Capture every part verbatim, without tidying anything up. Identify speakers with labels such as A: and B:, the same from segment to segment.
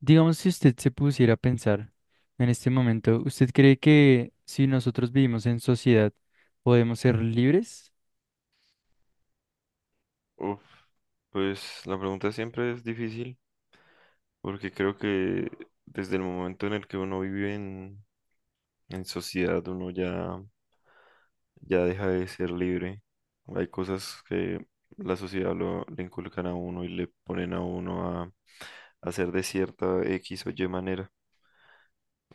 A: Digamos, si usted se pusiera a pensar en este momento, ¿usted cree que si nosotros vivimos en sociedad, podemos ser libres?
B: Uf, pues la pregunta siempre es difícil porque creo que desde el momento en el que uno vive en, en sociedad uno ya, ya deja de ser libre. Hay cosas que la sociedad lo, le inculcan a uno y le ponen a uno a, a hacer de cierta X o Y manera.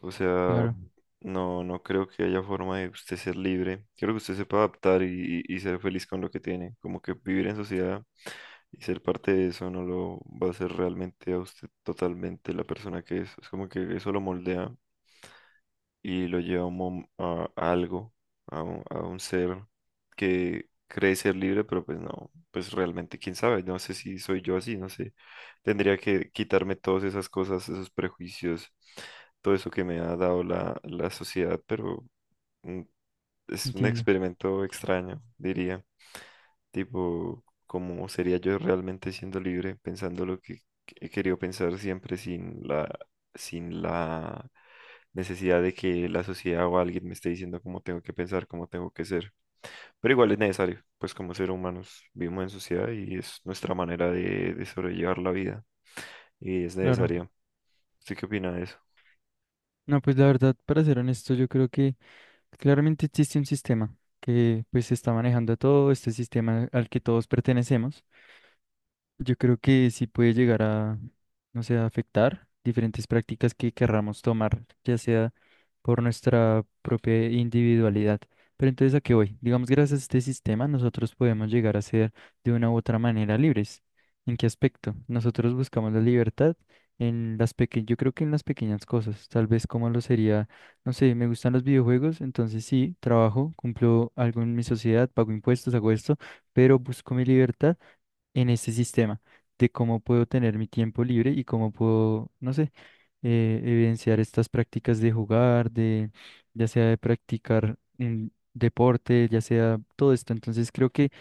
B: O sea,
A: Claro,
B: no, no creo que haya forma de usted ser libre. Creo que usted sepa adaptar y, y y ser feliz con lo que tiene. Como que vivir en sociedad. Y ser parte de eso no lo va a hacer realmente a usted totalmente la persona que es. Es como que eso lo moldea y lo lleva a, un mom- a- a algo, a un, a un ser que cree ser libre, pero pues no, pues realmente quién sabe, no sé si soy yo así, no sé. Tendría que quitarme todas esas cosas, esos prejuicios, todo eso que me ha dado la, la sociedad, pero mm, es un
A: entiendo,
B: experimento extraño, diría. Tipo, ¿cómo sería yo realmente siendo libre, pensando lo que he querido pensar siempre sin la, sin la necesidad de que la sociedad o alguien me esté diciendo cómo tengo que pensar, cómo tengo que ser? Pero igual es necesario, pues como seres humanos vivimos en sociedad y es nuestra manera de, de sobrellevar la vida y es
A: claro.
B: necesaria. ¿Usted qué opina de eso?
A: No, pues la verdad, para ser honesto, yo creo que claramente existe un sistema que pues está manejando todo este sistema al que todos pertenecemos. Yo creo que sí puede llegar a, no sé, a afectar diferentes prácticas que querramos tomar, ya sea por nuestra propia individualidad. Pero entonces, ¿a qué voy? Digamos, gracias a este sistema, nosotros podemos llegar a ser de una u otra manera libres. ¿En qué aspecto? Nosotros buscamos la libertad en las pequeñas, yo creo que en las pequeñas cosas, tal vez como lo sería, no sé, me gustan los videojuegos, entonces sí, trabajo, cumplo algo en mi sociedad, pago impuestos, hago esto, pero busco mi libertad en este sistema de cómo puedo tener mi tiempo libre y cómo puedo, no sé, eh, evidenciar estas prácticas de jugar, de ya sea de practicar un deporte, ya sea todo esto. Entonces creo que,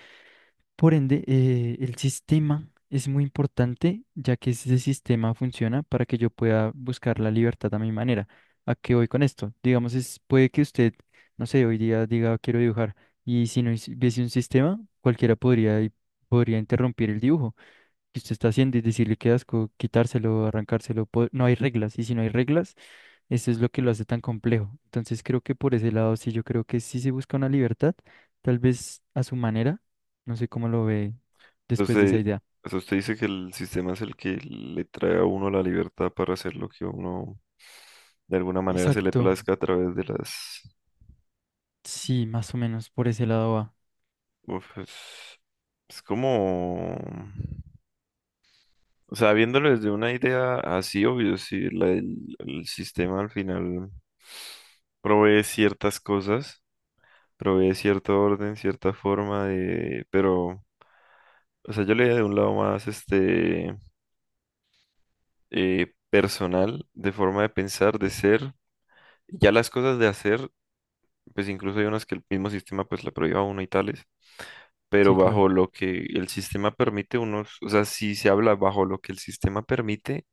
A: por ende, eh, el sistema es muy importante, ya que ese sistema funciona para que yo pueda buscar la libertad a mi manera. ¿A qué voy con esto? Digamos, es, puede que usted, no sé, hoy día diga quiero dibujar y si no hubiese un sistema, cualquiera podría, podría interrumpir el dibujo que usted está haciendo y decirle qué asco, quitárselo, arrancárselo. po- No hay reglas, y si no hay reglas, eso es lo que lo hace tan complejo. Entonces creo que por ese lado sí, yo creo que sí se busca una libertad, tal vez a su manera, no sé cómo lo ve después de esa
B: Entonces,
A: idea.
B: o sea, usted dice que el sistema es el que le trae a uno la libertad para hacer lo que uno de alguna manera se le
A: Exacto,
B: plazca a través de las...
A: sí, más o menos por ese lado va.
B: Uf, es, es como... O sea, viéndolo desde una idea así, obvio, si el, el sistema al final provee ciertas cosas, provee cierto orden, cierta forma de... Pero, o sea, yo le de un lado más este eh, personal, de forma de pensar, de ser, ya las cosas de hacer, pues incluso hay unas que el mismo sistema pues la prohíba a uno y tales, pero
A: Sí, claro,
B: bajo lo que el sistema permite, unos, o sea, si se habla bajo lo que el sistema permite,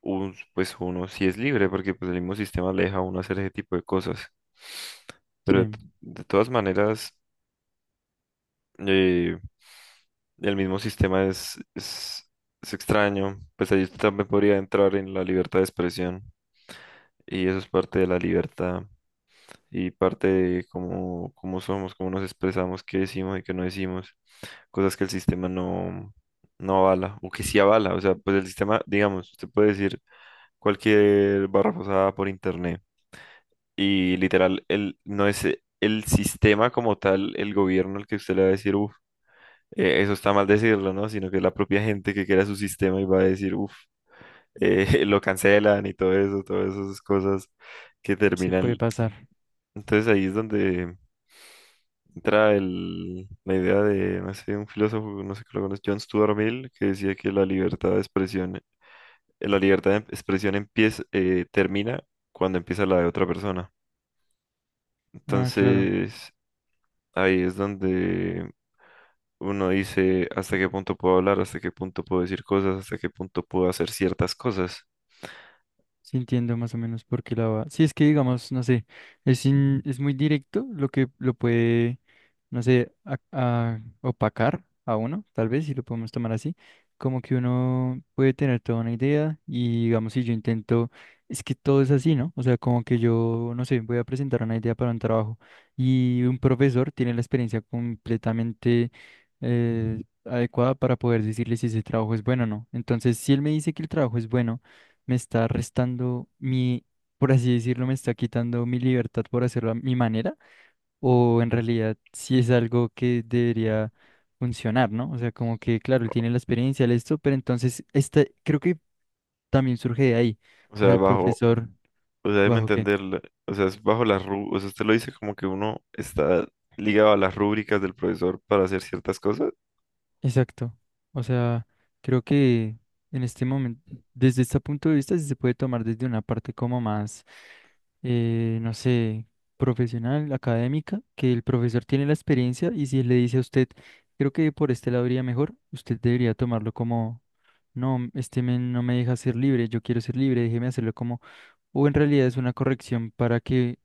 B: un- pues uno sí es libre, porque pues el mismo sistema le deja a uno hacer ese tipo de cosas. Pero de,
A: sí,
B: t- de todas maneras, eh, el mismo sistema es, es, es extraño, pues ahí también podría entrar en la libertad de expresión, y eso es parte de la libertad. Y parte de cómo, cómo somos, cómo nos expresamos, qué decimos y qué no decimos. Cosas que el sistema no, no avala o que sí avala. O sea, pues el sistema, digamos, usted puede decir cualquier barra pasada por internet y literal, el, no es e- el sistema como tal, el gobierno el que usted le va a decir, uff, eso está mal decirlo, ¿no? Sino que es la propia gente que crea su sistema y va a decir, uff, lo cancelan y todo eso, todas esas cosas que
A: sí puede
B: terminan.
A: pasar.
B: Entonces ahí es donde entra el, la idea de, no sé, un filósofo, no sé que lo conoce, John Stuart Mill, que decía que la libertad de expresión, eh, la libertad de em, expresión empieza, eh, termina cuando empieza la de otra persona.
A: Ah, claro.
B: Entonces, ahí es donde uno dice hasta qué punto puedo hablar, hasta qué punto puedo decir cosas, hasta qué punto puedo hacer ciertas cosas.
A: Sí, entiendo más o menos por qué la va. Sí, es que digamos, no sé, es, in- es muy directo lo que lo puede, no sé, a- a- opacar a uno, tal vez, si lo podemos tomar así. Como que uno puede tener toda una idea y digamos, si yo intento, es que todo es así, ¿no? O sea, como que yo, no sé, voy a presentar una idea para un trabajo y un profesor tiene la experiencia completamente eh, adecuada para poder decirle si ese trabajo es bueno o no. Entonces, si él me dice que el trabajo es bueno, me está restando mi, por así decirlo, me está quitando mi libertad por hacerlo a mi manera, o en realidad si es algo que debería funcionar, ¿no? O sea, como que, claro, él tiene la experiencia, de esto, pero entonces, este, creo que también surge de ahí,
B: O
A: o sea,
B: sea,
A: el
B: bajo,
A: profesor,
B: o sea, déjeme
A: ¿bajo qué?
B: entender, la- o sea, es bajo las rú, o sea, usted lo dice como que uno está ligado a las rúbricas del profesor para hacer ciertas cosas.
A: Exacto. O sea, creo que en este momento, desde este punto de vista, sí se puede tomar desde una parte como más, eh, no sé, profesional, académica, que el profesor tiene la experiencia y si le dice a usted, creo que por este lado iría mejor, usted debería tomarlo como, no, este men no me deja ser libre, yo quiero ser libre, déjeme hacerlo como, o en realidad es una corrección para que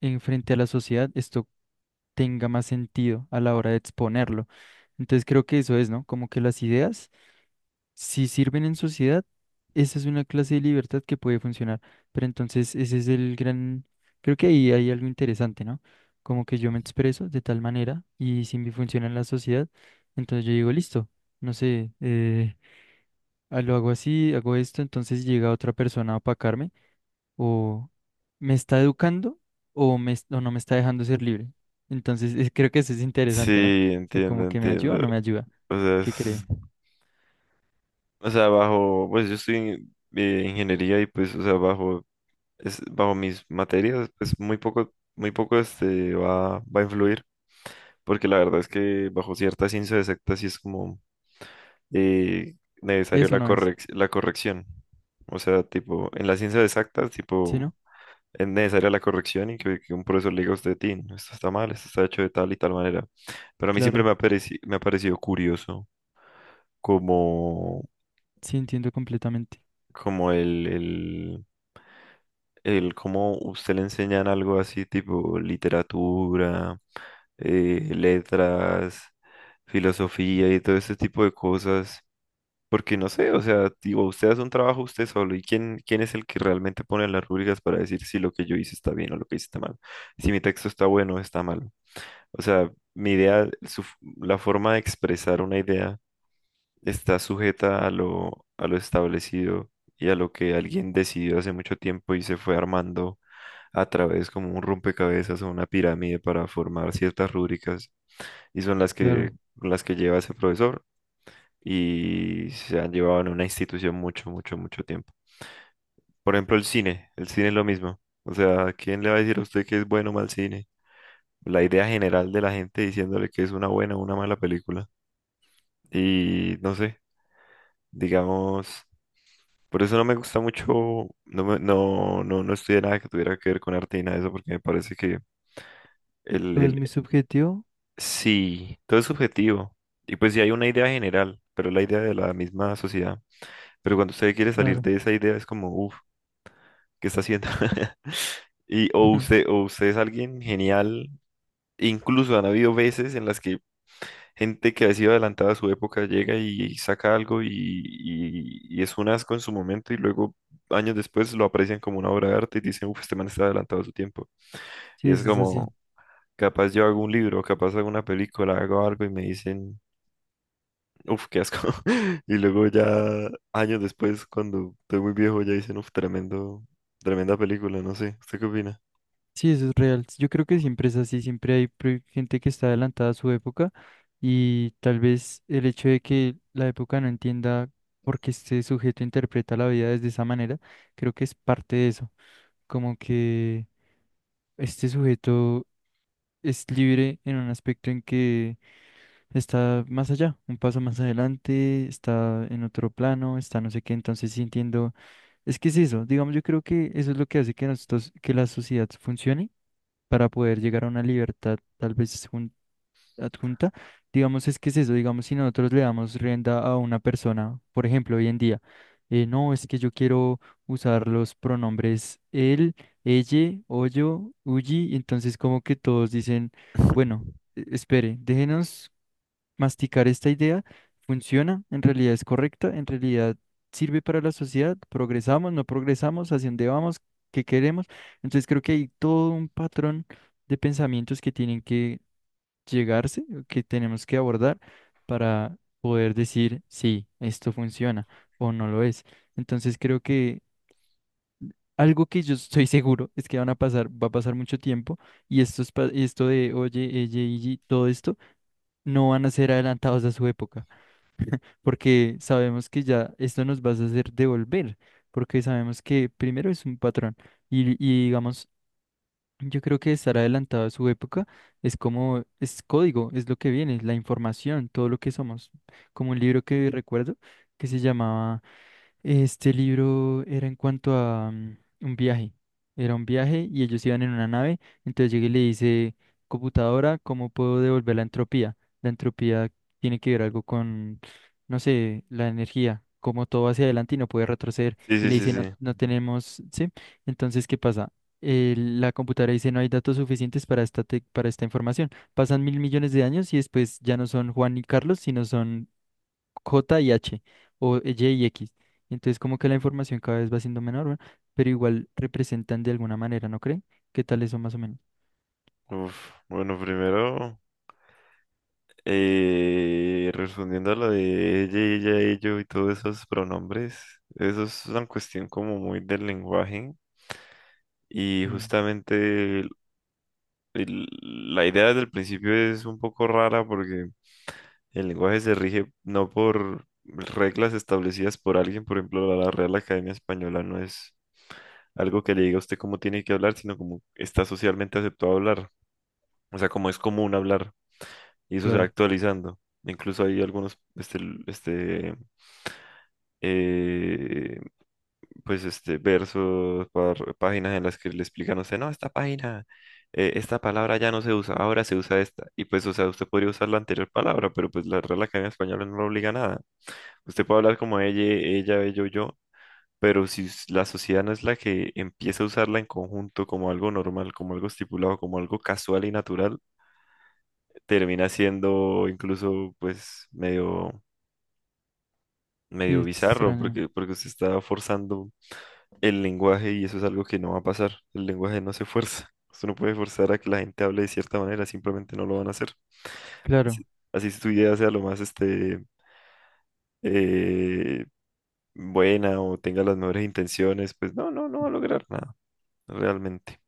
A: enfrente a la sociedad esto tenga más sentido a la hora de exponerlo. Entonces creo que eso es, ¿no? Como que las ideas, si sirven en sociedad, esa es una clase de libertad que puede funcionar. Pero entonces ese es el gran, creo que ahí hay algo interesante, ¿no? Como que yo me expreso de tal manera y si me funciona en la sociedad, entonces yo digo, listo, no sé, eh, ah, lo hago así, hago esto, entonces llega otra persona a opacarme o me está educando o, me, es- o no me está dejando ser libre. Entonces, eh, creo que eso es interesante, ¿no? O
B: Sí,
A: sea,
B: entiendo,
A: como que me ayuda
B: entiendo.
A: o no me ayuda.
B: O sea,
A: ¿Qué cree?
B: es-
A: Ujú.
B: o sea, bajo, pues yo estoy en eh, ingeniería y pues, o sea, bajo, es, bajo mis materias, pues muy poco, muy poco este va, va a influir, porque la verdad es que bajo cierta ciencia exacta sí es como eh, necesario
A: Eso
B: la
A: no es.
B: correc- la corrección. O sea, tipo, en las ciencias exactas,
A: ¿Sí,
B: tipo,
A: no?
B: es necesaria la corrección y que, que un profesor le diga a usted, Tin, esto está mal, esto está hecho de tal y tal manera. Pero a mí siempre
A: Claro.
B: me ha pareci- me ha parecido curioso. Como,
A: Sí, entiendo completamente.
B: como el, el, el cómo usted le enseñan algo así tipo literatura, eh, letras, filosofía y todo ese tipo de cosas. Porque no sé, o sea, digo, usted hace un trabajo usted solo y quién, quién es el que realmente pone las rúbricas para decir si lo que yo hice está bien o lo que hice está mal, si mi texto está bueno o está mal. O sea, mi idea, su f- la forma de expresar una idea está sujeta a lo, a lo establecido y a lo que alguien decidió hace mucho tiempo y se fue armando a través como un rompecabezas o una pirámide para formar ciertas rúbricas y son las que,
A: Claro.
B: las que lleva ese profesor y se han llevado en una institución mucho, mucho, mucho tiempo. Por ejemplo, el cine, el cine es lo mismo. O sea, ¿quién le va a decir a usted que es bueno o mal cine? La idea general de la gente diciéndole que es una buena o una mala película. Y no sé, digamos... Por eso no me gusta mucho, no, me- no, no, no estudié nada que tuviera que ver con arte y nada de eso, porque me parece que el,
A: Todo es
B: el,
A: muy subjetivo.
B: sí, todo es subjetivo. Y pues sí hay una idea general, pero la idea de la misma sociedad. Pero cuando usted quiere salir
A: Claro.
B: de esa idea es como, uff, ¿qué está haciendo? Y o usted, o usted es alguien genial, incluso han habido veces en las que gente que ha sido adelantada a su época llega y saca algo y, y- y es un asco en su momento y luego años después lo aprecian como una obra de arte y dicen, uff, este man está adelantado a su tiempo.
A: Sí,
B: Y es
A: eso es así.
B: como, capaz yo hago un libro, capaz hago una película, hago algo y me dicen, uff, qué asco. Y luego ya años después, cuando estoy muy viejo, ya dicen, uff, tremendo, tremenda película, no sé, ¿usted qué opina?
A: Sí, eso es real. Yo creo que siempre es así. Siempre hay pre- gente que está adelantada a su época y tal vez el hecho de que la época no entienda por qué este sujeto interpreta la vida desde esa manera, creo que es parte de eso. Como que este sujeto es libre en un aspecto en que está más allá, un paso más adelante, está en otro plano, está no sé qué, entonces sí entiendo, es que es eso, digamos, yo creo que eso es lo que hace que nosotros, que la sociedad funcione para poder llegar a una libertad tal vez adjunta, digamos, es que es eso, digamos, si nosotros le damos rienda a una persona, por ejemplo, hoy en día, eh, no, es que yo quiero usar los pronombres él, ella, o yo, uyi, y entonces como que todos dicen, bueno, e- espere, déjenos masticar esta idea, funciona, en realidad es correcta, en realidad sirve para la sociedad, progresamos, no progresamos, hacia dónde vamos, qué queremos, entonces creo que hay todo un patrón de pensamientos que tienen que llegarse, que tenemos que abordar para poder decir si esto funciona o no lo es. Entonces creo que algo que yo estoy seguro es que van a pasar, va a pasar mucho tiempo y esto, es, pa- y esto de oye, ella y todo esto no van a ser adelantados a su época, porque sabemos que ya esto nos va a hacer devolver, porque sabemos que primero es un patrón y, y digamos. Yo creo que estar adelantado a su época es como, es código, es lo que viene, es la información, todo lo que somos. Como un libro que recuerdo que se llamaba este libro era en cuanto a mm, un viaje. Era un viaje y ellos iban en una nave. Entonces llega y le dice, computadora, ¿cómo puedo devolver la entropía? La entropía tiene que ver algo con, no sé, la energía, como todo va hacia adelante y no puede retroceder.
B: Sí,
A: Y
B: sí,
A: le
B: sí,
A: dice, no,
B: sí.
A: no tenemos, ¿sí? Entonces, ¿qué pasa? Eh, la computadora dice, no hay datos suficientes para esta, tec- para esta información. Pasan mil millones de años y después ya no son Juan y Carlos, sino son J y H o Y y X. Entonces como que la información cada vez va siendo menor, ¿verdad? Pero igual representan de alguna manera, ¿no creen? ¿Qué tal eso más o menos?
B: Uf, bueno, primero... Eh, respondiendo a lo de ella, ella, ello y todos esos pronombres, eso es una cuestión como muy del lenguaje y
A: Mm,
B: justamente el- el- la idea del principio es un poco rara porque el lenguaje se rige no por reglas establecidas por alguien, por ejemplo, la la Real Academia Española no es algo que le diga a usted cómo tiene que hablar, sino como está socialmente aceptado hablar, o sea, como es común hablar y eso se va
A: claro.
B: actualizando. Incluso hay algunos este, l- este, eh, pues este versos, par- páginas en las que le explican a usted, no, esta página, eh, esta palabra ya no se usa, ahora se usa esta. Y pues, o sea, usted podría usar la anterior palabra, pero pues la Real Academia Española no lo obliga a nada. Usted puede hablar como ella, ella, ello, yo, pero si s- la sociedad no es la que empieza a usarla en conjunto como algo normal, como algo estipulado, como algo casual y natural, termina siendo incluso pues medio
A: Sí,
B: medio
A: es
B: bizarro
A: extraño.
B: porque porque usted está forzando el lenguaje y eso es algo que no va a pasar. El lenguaje no se fuerza. Usted no puede forzar a que la gente hable de cierta manera, simplemente no lo van a hacer. Así
A: Claro.
B: así su idea sea lo más este, eh, buena o tenga las mejores intenciones, pues no, no, no va a lograr nada, realmente.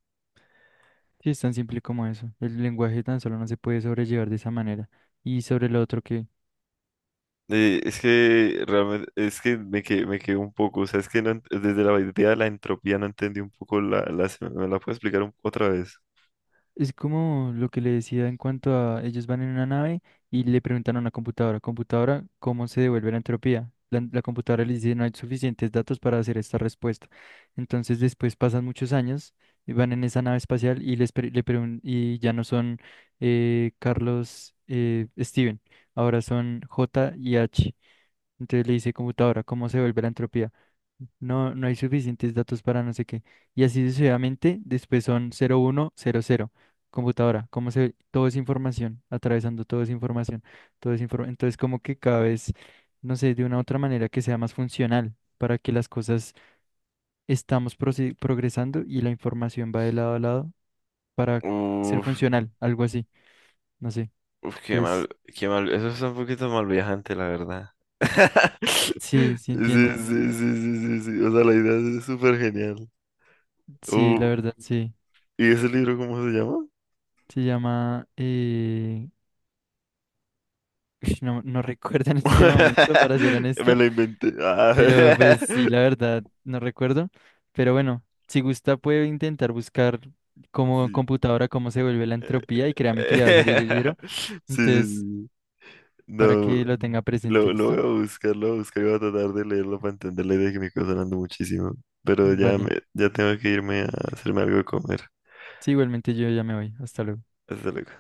A: Sí, es tan simple como eso. El lenguaje tan solo no se puede sobrellevar de esa manera. Y sobre lo otro que...
B: Eh, es que realmente, es que me quedé, me quedé un poco, o sea, es que no ent- desde la idea de la entropía no entendí un poco la, la- ¿me la puedo explicar un- otra vez?
A: Es como lo que le decía en cuanto a ellos van en una nave y le preguntan a una computadora, computadora, ¿cómo se devuelve la entropía? La, la computadora les dice, no hay suficientes datos para hacer esta respuesta. Entonces después pasan muchos años y van en esa nave espacial y, les pre- le pregun- y ya no son eh, Carlos, eh, Steven, ahora son J y H. Entonces le dice computadora, ¿cómo se vuelve la entropía? No, no hay suficientes datos para no sé qué. Y así sucesivamente, después son cero uno cero cero. Computadora, ¿cómo se? Todo es información, atravesando todo es información, todo es informa- Entonces, como que cada vez, no sé, de una u otra manera que sea más funcional para que las cosas estamos proce- progresando y la información va de lado a lado para ser
B: Uf,
A: funcional, algo así, no sé.
B: uf, qué mal,
A: Entonces,
B: qué mal. Eso es un poquito mal viajante, la verdad.
A: sí, sí
B: Sí,
A: entiendo.
B: sí, sí, sí, sí, sí. O sea, la idea es súper genial.
A: Sí,
B: Uh,
A: la verdad, sí.
B: ¿y ese libro cómo se llama?
A: Se llama eh, Ush, no, no recuerdo en este momento, para ser
B: Me
A: honesto,
B: lo inventé. Ah.
A: pero pues sí, la verdad, no recuerdo. Pero bueno, si gusta puede intentar buscar como
B: Sí.
A: computadora cómo se vuelve la
B: eh,
A: entropía y créame que le va a salir
B: eh.
A: el libro.
B: Sí, sí,
A: Entonces,
B: sí.
A: para
B: No,
A: que lo tenga presente,
B: lo, lo voy a
A: ¿listo?
B: buscar, lo voy a buscar y voy a tratar de leerlo para entender la idea que me está sonando muchísimo. Pero ya, me,
A: Vale.
B: ya tengo que irme a hacerme algo de comer.
A: Sí, igualmente yo ya me voy. Hasta luego.
B: Hasta luego.